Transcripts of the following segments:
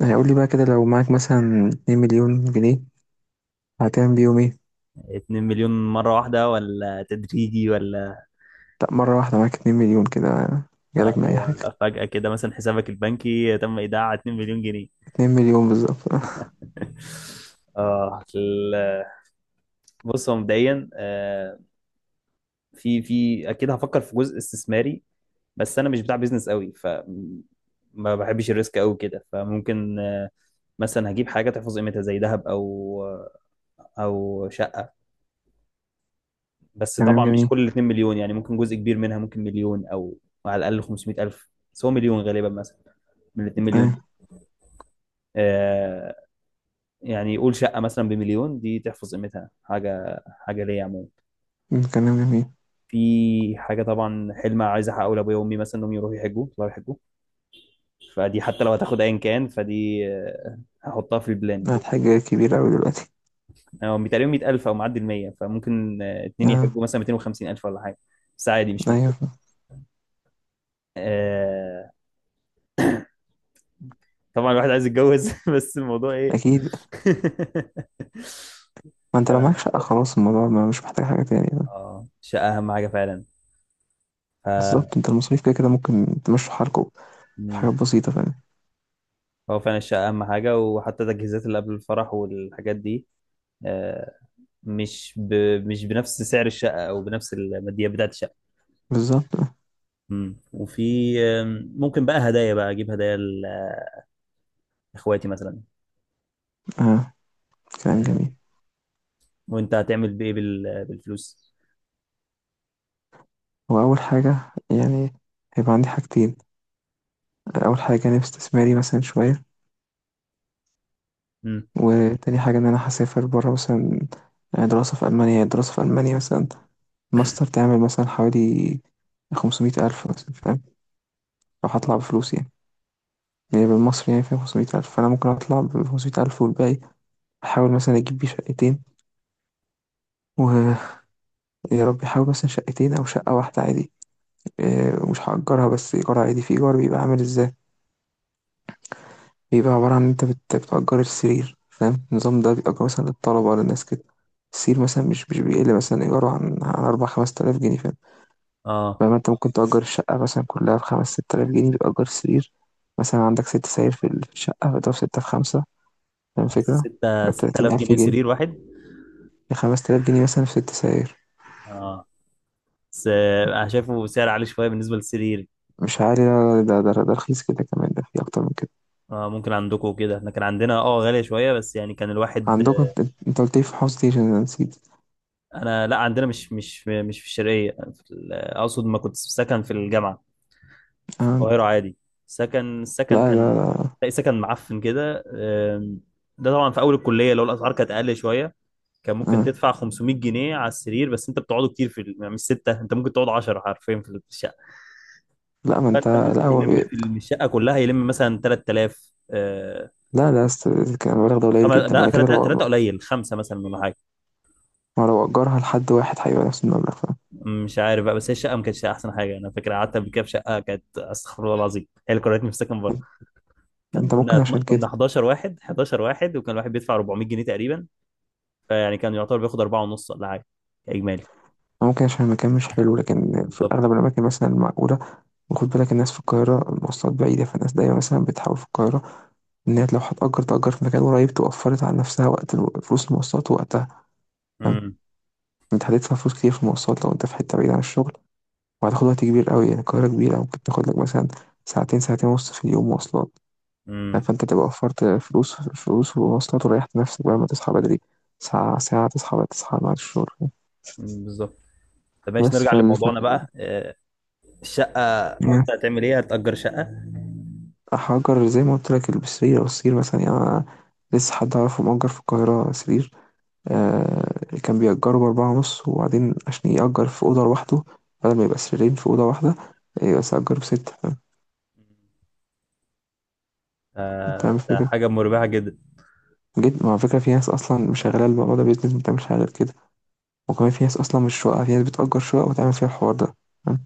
يعني قول لي بقى كده لو معاك مثلا 2 مليون جنيه هتعمل بيهم ايه؟ 2 مليون مرة واحدة ولا تدريجي ولا؟ لا، مرة واحدة معاك 2 مليون كده جالك من اللي أي حاجة. هو فجأة كده مثلا حسابك البنكي تم إيداع 2 مليون جنيه. 2 مليون بالظبط. اه بص، هو مبدئيا في اكيد هفكر في جزء استثماري. بس انا مش بتاع بيزنس قوي، ما بحبش الريسك قوي كده، فممكن مثلا هجيب حاجة تحفظ قيمتها زي ذهب، او شقة. بس كلام طبعا مش جميل. كل ال 2 مليون، يعني ممكن جزء كبير منها، ممكن مليون او على الاقل 500 الف، بس هو مليون غالبا مثلا من ال 2 مليون دي. أيوة. آه، يعني يقول شقه مثلا بمليون دي تحفظ قيمتها، حاجه حاجه ليا عموما. كلام جميل، في حاجه طبعا حلم عايز احققه لابويا وامي، مثلا انهم يروحوا يحجوا، يطلعوا يحجوا. فدي حتى لو هتاخد ايا كان، فدي هحطها في البلان. ده حاجة كبيرة أوي دلوقتي. يعني هو تقريبا 100000 او معدي ال 100، فممكن اتنين آه. يحجوا مثلا 250000 ولا حاجه. بس عادي مش أيوة. مشكله. آه، طبعا الواحد عايز يتجوز، بس الموضوع ايه. أكيد، ما أنت لو فانا معاك شقة محتار، خلاص الموضوع ما مش محتاج حاجة تانية. اه الشقه اهم حاجه فعلا. ف... بالظبط، أنت المصاريف كده كده ممكن تمشوا حالكوا. في مم. حاجات بسيطة فعلا. هو فعلا الشقه اهم حاجه، وحتى التجهيزات اللي قبل الفرح والحاجات دي آه، مش ب... مش بنفس سعر الشقه، او بنفس الماديات بتاعت الشقه. بالظبط. مم. وفي آم، ممكن بقى هدايا، بقى اجيب هدايا لاخواتي مثلا. آه. كلام آه، جميل. وانت هتعمل بايه بالفلوس؟ وأول حاجة يعني هيبقى عندي حاجتين. أول حاجة جانب استثماري مثلا شوية، مم. وتاني حاجة إن أنا هسافر برا مثلا، يعني دراسة في ألمانيا، يعني دراسة في ألمانيا مثلا ماستر، تعمل مثلا حوالي خمسمية ألف مثلا، فاهم؟ لو هطلع اه بفلوس يعني، يعني بالمصري يعني فيها خمسمية ألف، فأنا ممكن أطلع بخمسمية ألف والباقي أحاول مثلا أجيب بيه شقتين، ويا رب أحاول مثلا شقتين أو شقة واحدة عادي. مش هأجرها بس إيجار عادي، في إيجار بيبقى عامل إزاي، بيبقى عبارة عن إن أنت بتأجر السرير، فاهم النظام ده؟ بيأجر مثلا للطلبة للناس كده. السرير مثلا مش بيقل مثلا إيجاره عن أربع خمس تلاف جنيه، فاهم؟ اه، فما انت ممكن تأجر الشقة مثلا كلها بخمس ست آلاف جنيه، بتأجر سرير مثلا، عندك ست سرير في الشقة، فده في ستة في خمسة، فاهم الفكرة؟ 6 بتلاتين 6000 ألف جنيه سرير جنيه، واحد؟ خمس تلاف جنيه مثلا في ست سرير. اه، بس انا شايفه سعر عالي شويه بالنسبه للسرير. مش عالي، لا، ده رخيص كده كمان، ده في أكتر من كده. آه، ممكن عندكم كده، احنا كان عندنا غاليه شويه، بس يعني كان الواحد. عندكم انت، انت قلت لي في حوض ستيشن أنا نسيت. انا لا، عندنا مش في الشرقيه، اقصد ما كنت في سكن في الجامعه في آه. القاهره عادي. السكن لا لا كان لا. تلاقي سكن معفن كده. ده طبعا في اول الكليه، لو الاسعار كانت اقل شويه كان ممكن آه. تدفع 500 جنيه على السرير، بس انت بتقعدوا كتير يعني مش سته، انت ممكن تقعد 10 حرفيا في الشقه. لا، ما انت. فانت ممكن لا هو بيلم بي... في الشقه كلها يلم مثلا 3000. لا لا است... كان المبلغ ده قليل جدا لا، بعد كده ثلاثة ثلاثة لو، قليل، خمسة مثلا ولا حاجة. ما لو أجرها لحد واحد هيبقى نفس المبلغ، فاهم؟ مش عارف بقى، بس هي الشقة ما كانتش أحسن حاجة، أنا فاكر قعدت قبل كده في شقة كانت، أستغفر الله العظيم، هي اللي كرهتني في السكن بره. كان انت ممكن كنا عشان كنا كده، 11 واحد، 11 واحد، وكان الواحد بيدفع 400 جنيه تقريبا، فيعني كان يعتبر بياخد 4 ونص ولا حاجة إجمالي. ممكن عشان المكان مش حلو، لكن في بالظبط. الأغلب الأماكن مثلا المعقولة. وخد بالك الناس في القاهرة المواصلات بعيدة، فالناس دايما مثلا بتحاول في القاهرة إن هي لو هتأجر تأجر في مكان قريب، توفرت على نفسها وقت فلوس المواصلات ووقتها، فاهم؟ امم. أنت هتدفع فلوس كتير في المواصلات لو أنت في حتة بعيدة عن الشغل، وهتاخد وقت كبير قوي، يعني القاهرة كبيرة، ممكن تاخد لك مثلا ساعتين، ساعتين ونص في اليوم مواصلات، فاهم؟ امم. فأنت تبقى وفرت فلوس، فلوس ومواصلات، وريحت نفسك بقى، ما تصحى بدري ساعة، ساعة تصحى بقى، تصحى بعد الشغل. أمم، بالظبط. طب ماشي، بس نرجع فال لموضوعنا فال- بقى. الشقة يعني قلت هتعمل إيه، هتأجر شقة. هأجر زي ما قلت لك السرير، أو السرير مثلا. يعني أنا لسه حد أعرفه مأجر في القاهرة سرير. كان بيأجره بأربعة ونص، وبعدين عشان يأجر في أوضة لوحده بدل ما يبقى سريرين في أوضة واحدة، بس أجره بستة، فاهم؟ أنت فاهم ده الفكرة، حاجة مربحة جدا. جيت مع فكرة، في ناس أصلا شغالة الموضوع ده بيزنس، ما بتعملش حاجة غير كده. وكمان في ناس أصلا مش شقة، في ناس بتأجر شقة وتعمل فيها الحوار ده، فاهم؟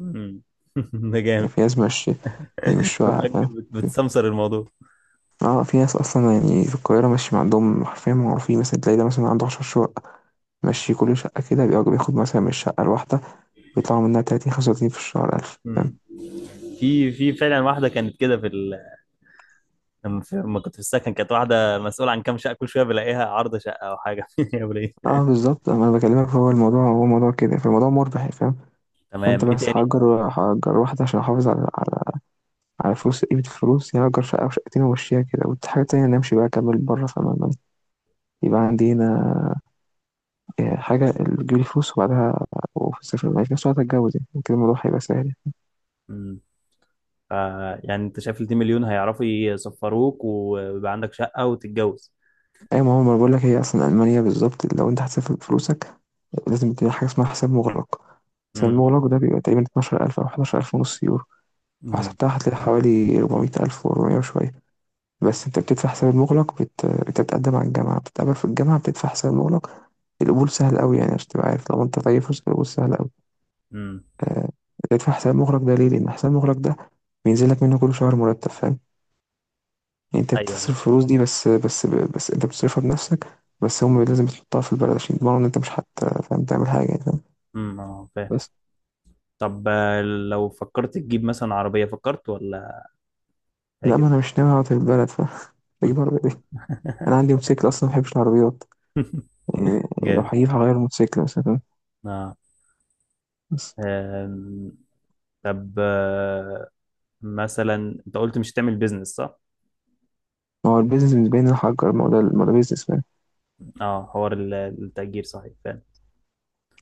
امم. ده يعني جامد. في ناس مش، هي مش شقة، فاهم؟ في، بتسمسر الموضوع. اه في ناس اصلا يعني في القاهره ماشي ما عندهم حرفيا، معروفين مثلا، تلاقي ده مثلا عنده 10 شقق ماشي، كل شقه كده بياخد بياخد مثلا من الشقه الواحده، بيطلعوا منها 30 35 في الشهر 1000. مم. في فعلا واحده كانت كده لما كنت في السكن كانت واحده مسؤوله عن كام شقه، كل شويه بلاقيها عارضه شقه او حاجه، يا وليه. اه بالظبط، انا بكلمك، هو الموضوع هو موضوع كده، فالموضوع مربح، فاهم؟ فانت تمام، ايه بس تاني؟ هأجر، هأجر واحدة عشان احافظ على، على، على فلوس قيمة الفلوس. يعني هأجر شقة وشقتين وامشيها كده، والحاجة التانية انا امشي بقى اكمل بره، فاهم؟ يبقى عندي هنا حاجة اللي تجيب لي فلوس، وبعدها وفي السفر بعد كده ساعتها اتجوز، يعني كده الموضوع هيبقى سهل. مم. ف... يعني انت شايف ال 2 مليون هيعرفوا يسفروك ويبقى عندك شقه وتتجوز؟ ايوه، ما هو ما بقول لك، هي اصلا المانيا بالظبط لو انت هتسافر بفلوسك لازم تبني حاجة اسمها حساب مغلق. حساب مم. مغلق ده بيبقى تقريبا 12,000 أو 11,000 ونص يورو. مم. فحسبتها هتلاقي حوالي 400,000 و400 وشوية. بس انت بتدفع حساب المغلق، بتتقدم على الجامعة، بتتقابل في الجامعة، بتدفع حساب المغلق. القبول سهل قوي يعني، عشان تبقى عارف، لو انت طيب فلوس القبول سهل قوي. مم. آه، بتدفع حساب مغلق ده ليه؟ لأن حساب مغلق ده بينزل لك منه كل شهر مرتب، فاهم؟ يعني انت ايوه. بتصرف الفلوس دي، بس بس انت بتصرفها بنفسك، بس هم لازم تحطها في البلد عشان يضمنوا ان انت مش حت فاهم تعمل حاجة يعني، فاهم؟ امم، اه فاهم. بس، طب لو فكرت تجيب مثلا عربيه، فكرت ولا لا حاجه؟ ما انا مش ناوي اقعد في البلد، فاهم؟ اجيب عربية ايه؟ انا عندي موتوسيكل اصلا، ما بحبش العربيات يعني. لو جامد. هجيب هغير موتوسيكل مثلا، اه. بس. آم، طب، مثلا انت قلت مش هتعمل بيزنس، صح؟ ما هو البيزنس بالنسبة لي إن أنا أأجر، ما هو ده بيزنس، فاهم؟ اه، حوار التأجير صحيح فعلا.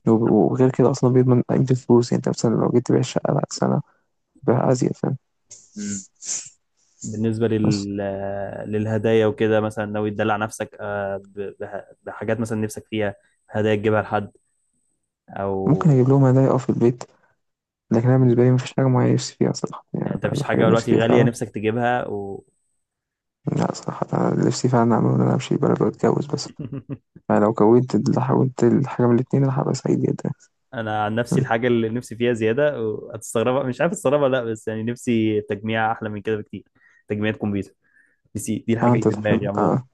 طب. وغير كده أصلا بيضمن قيمة الفلوس، يعني أنت مثلا لو جيت تبيع الشقة بعد سنة بيعها أزيد، فاهم؟ مم. بالنسبة بس لل... للهدايا وكده، مثلا ناوي تدلع نفسك بحاجات مثلا نفسك فيها، هدايا تجيبها لحد او. ممكن أجيب لهم هدايا أه في البيت، لكن أنا مم. بالنسبة لي مفيش حاجة معينة نفسي فيها صراحة. يعني يعني انت أنا مفيش الحاجة حاجة اللي نفسي فيها دلوقتي غالية فعلا، نفسك تجيبها و؟ لا صراحة أنا نفسي فعلا أعمل إن أنا أمشي بلد وأتجوز بس. أنا لو حاولت الحاجة من الاتنين أنا هبقى سعيد جدا. انا عن نفسي م. الحاجة اللي نفسي فيها زيادة وهتستغربها، مش عارف استغربها لا، بس يعني نفسي تجميع احلى من كده بكتير، تجميع كمبيوتر. بس دي أه، الحاجة اللي أنت في دماغي تحلم عموما. أه.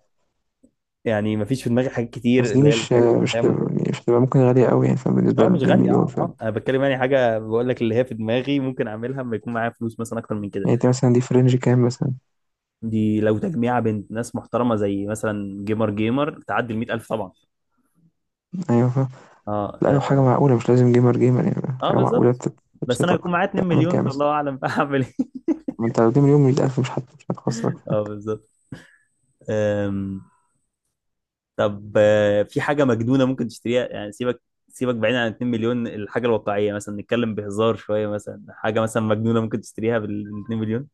يعني مفيش في دماغي حاجات بس كتير دي اللي هي مش، الحاجات مش الأحلام هتبقى، وكده. مش هتبقى ممكن غالية أوي يعني، فاهم؟ بالنسبة اه ل مش 2 غالية، اه مليون، فاهم؟ اه انا بتكلم يعني، حاجة بقول لك اللي هي في دماغي ممكن اعملها لما يكون معايا فلوس مثلا اكتر من كده. يعني أنت مثلا دي في رينج كام مثلا؟ دي لو تجميعة بين ناس محترمة زي مثلا جيمر جيمر تعدي ال 100000 طبعا. أيوه فاهم. اه لا لو اه، حاجة معقولة، مش لازم جيمر جيمر، يعني آه حاجة معقولة بالظبط. بس انا بتبسطك. هيكون معايا 2 تعمل مليون، كده مثلا، فالله اعلم بقى هعمل ايه. ما انت لو دي مليون مية ألف مش مش هتخسرك. اه، بالظبط. أم، طب في حاجة مجنونة ممكن تشتريها؟ يعني سيبك، سيبك بعيد عن 2 مليون، الحاجة الواقعية مثلا، نتكلم بهزار شوية، مثلا حاجة مثلا مجنونة ممكن تشتريها بال 2 مليون؟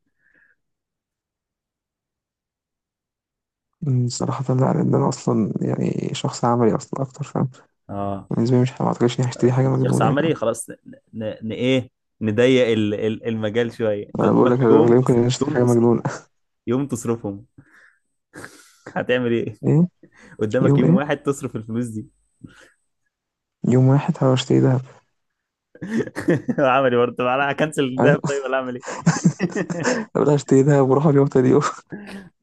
أمم، صراحة لا، لأن أنا أصلا يعني شخص عملي أصلا أكتر، فاهم؟ اه، بالنسبة لي مش، ما أعتقدش إني هشتري بس حاجة انت شخص مجنونة، فاهم؟ عملي خلاص. ايه، نضيق المجال شويه. انت أنا بقول قدامك لك أنا لا يمكن إني أشتري يوم حاجة مجنونة. تصرفهم، يوم تصرفهم، هتعمل ايه؟ إيه، قدامك يوم يوم إيه، واحد تصرف الفلوس دي. يوم واحد هروح أشتري دهب. عملي برضه، طب انا هكنسل الذهب أيوة. طيب، ولا اعمل ايه؟ أروح أشتري دهب، وأروح اليوم تاني يوم.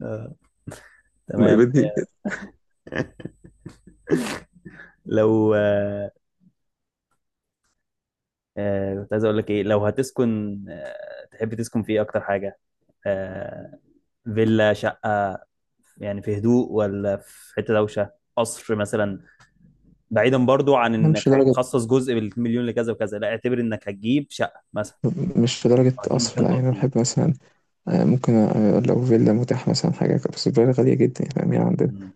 آه، ما تمام. بدي. لو آه، كنت عايز اقول لك ايه، لو هتسكن تحب تسكن في ايه اكتر حاجه؟ آه، فيلا، شقه، يعني في هدوء ولا في حته دوشه، قصر مثلا؟ بعيدا برضو عن أنا مش انك لدرجة، هتخصص جزء بالمليون لكذا وكذا، لا اعتبر انك هتجيب شقه مثلا مش لدرجة او هتجيب قصر مكان لا. يعني تقعد أنا فيه. بحب مثلا، ممكن، لو فيلا متاح مثلا حاجة، بس الفيلا غالية جدا يعني، فاهم يعني؟ مم.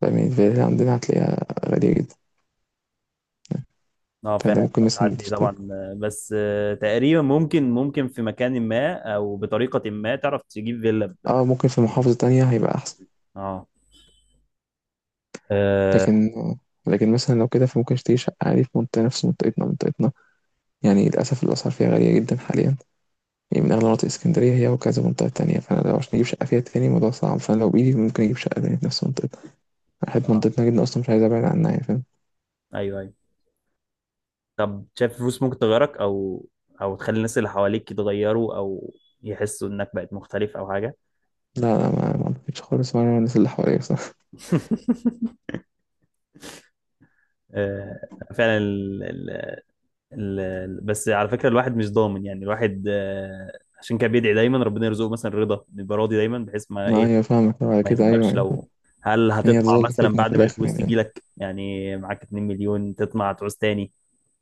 فاهمني، الفلل عندنا هتلاقيها غالية جدا. اه، فأنت فعلا ممكن مثلا بتعدي تشتري، طبعا. آه، بس آه، تقريبا ممكن في مكان ما او بطريقه ما تعرف تجيب فيلا اه ممكن في بمليون. محافظة تانية هيبقى أحسن. اه، اه. لكن، لكن مثلا لو كده فممكن اشتري شقة عادي في منطقة نفس منطقتنا، منطقتنا يعني للأسف الأسعار فيها غالية جدا حاليا، يعني من أغلى مناطق اسكندرية هي وكذا منطقة تانية. فأنا لو عشان أجيب شقة فيها تاني الموضوع صعب، فأنا لو بإيدي ممكن أجيب شقة تانية في نفس منطقتنا. أنا بحب آه، منطقتنا جدا أصلا، مش عايز أبعد عنها يعني، فاهم؟ ايوه ايوه. طب شايف الفلوس ممكن تغيرك، او تخلي الناس اللي حواليك يتغيروا، او يحسوا انك بقت مختلف او حاجه؟ لا لا، ما أعتقدش خالص. وأنا الناس اللي حواليا بصراحة، آه، فعلا. بس على فكرة الواحد مش ضامن، يعني الواحد عشان كده بيدعي دايما ربنا يرزقه مثلا رضا، يبقى راضي دايما بحيث ما ما ايه أيوة فاهمك، بعد ما كده أيوة يتغيرش. أيوة. هل يعني هتطمع هتظل مثلا فتنة في بعد ما الآخر الفلوس يعني. تيجي لك، يعني معاك 2 مليون تطمع تعوز تاني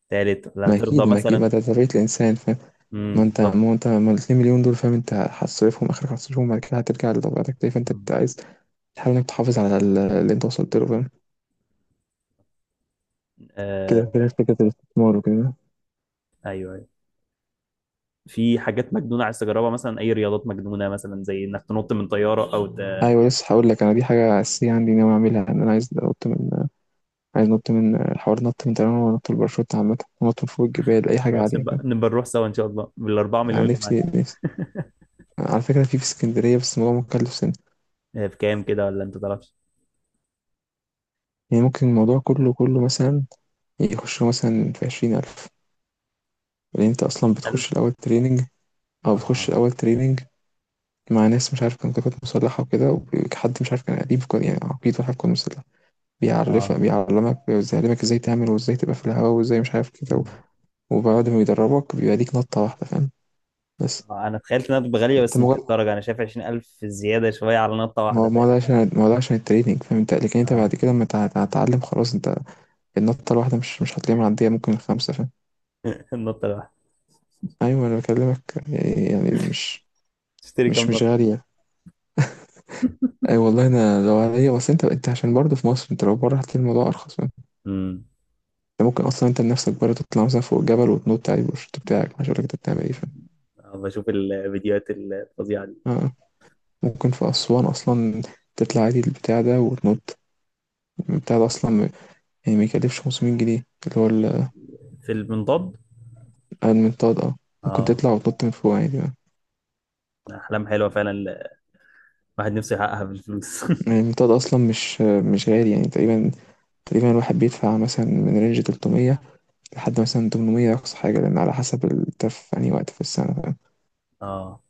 تالت، ولا ما هترضى أكيد، ما أكيد، ما مثلا؟ ده طبيعة الإنسان، فاهم؟ امم، ما انت بالظبط. ما انت ما الاتنين مليون دول، فاهم؟ انت هتصرفهم اخرك، هتصرفهم بعد كده هترجع لطبيعتك تاني. فانت مم. عايز تحاول انك تحافظ على اللي انت وصلت له، فاهم؟ آه، كده كده فكرة الاستثمار وكده. ايوه ايوه. في حاجات مجنونه عايز تجربها مثلا، اي رياضات مجنونه مثلا، زي انك تنط من طياره او ايوه لسه هقول لك، انا دي حاجة اساسية عندي ناوي اعملها، ان انا عايز انط من، عايز انط من حوار نط من طيران، ونط الباراشوت عامة، ونط من فوق الجبال، اي حاجة خلاص عالية، نبقى فاهم؟ نبقى نروح سوا ان شاء الله بالاربعه انا مليون اللي معاك. نفسي نفسي، على فكرة في اسكندرية بس الموضوع مكلف سنة. بكام كده، ولا انت تعرفش؟ يعني ممكن الموضوع كله، كله مثلا يخش له مثلا في عشرين ألف. لأن أنت أصلا 20000؟ بتخش الأول تريننج، أو بتخش اه، الأول تريننج مع ناس مش عارف كان، كانت مسلحة وكده. وحد مش عارف كان قريب يعني عقيد واحد كان مسلح، بيعرفك اه. بيعلمك، بيعلمك ازاي تعمل، وازاي تبقى في الهواء، وازاي مش عارف كده وبعد ما بيدربك بيبقى ليك نطة واحدة، فاهم؟ بس انا تخيلت انها تبقى غاليه، انت بس مش مجرد، للدرجه، انا شايف 20000 زياده شويه على نطه ما واحده هو ما فاهم. هو ده عشان ما هو ده عشان التريننج، فاهم انت؟ لكن انت بعد اه. كده لما تتعلم خلاص انت، النطة الواحدة مش هتلاقيها معدية، ممكن الخمسة، فاهم؟ النطه الواحده؟ ايوه انا بكلمك، يعني يعني مش، تشتري كام مش نطه؟ غالية. اي والله انا لو عليا، بس انت، انت عشان برضه في مصر، انت لو بره هتلاقي الموضوع ارخص. امم. انت ممكن اصلا انت بنفسك بره تطلع مثلا فوق جبل وتنط عادي بالشورت بتاعك، مش هقولك انت بتعمل ايه، فاهم؟ بشوف الفيديوهات الفظيعه دي، آه. ممكن في اسوان اصلا تطلع عادي البتاع ده وتنط. البتاع ده اصلا يعني ما يكلفش 500 جنيه، اللي هو في المنضد؟ المنطاد اه. ممكن اه. تطلع وتنط من فوق عادي بقى. احلام حلوه فعلا، الواحد نفسه يحققها بالفلوس. يعني المنطاد اصلا مش، مش غالي، يعني تقريبا، تقريبا الواحد بيدفع مثلا من رينج 300 لحد مثلا 800 اقصى حاجه، لان على حسب انت في انهي وقت في السنه، فاهم؟ اه.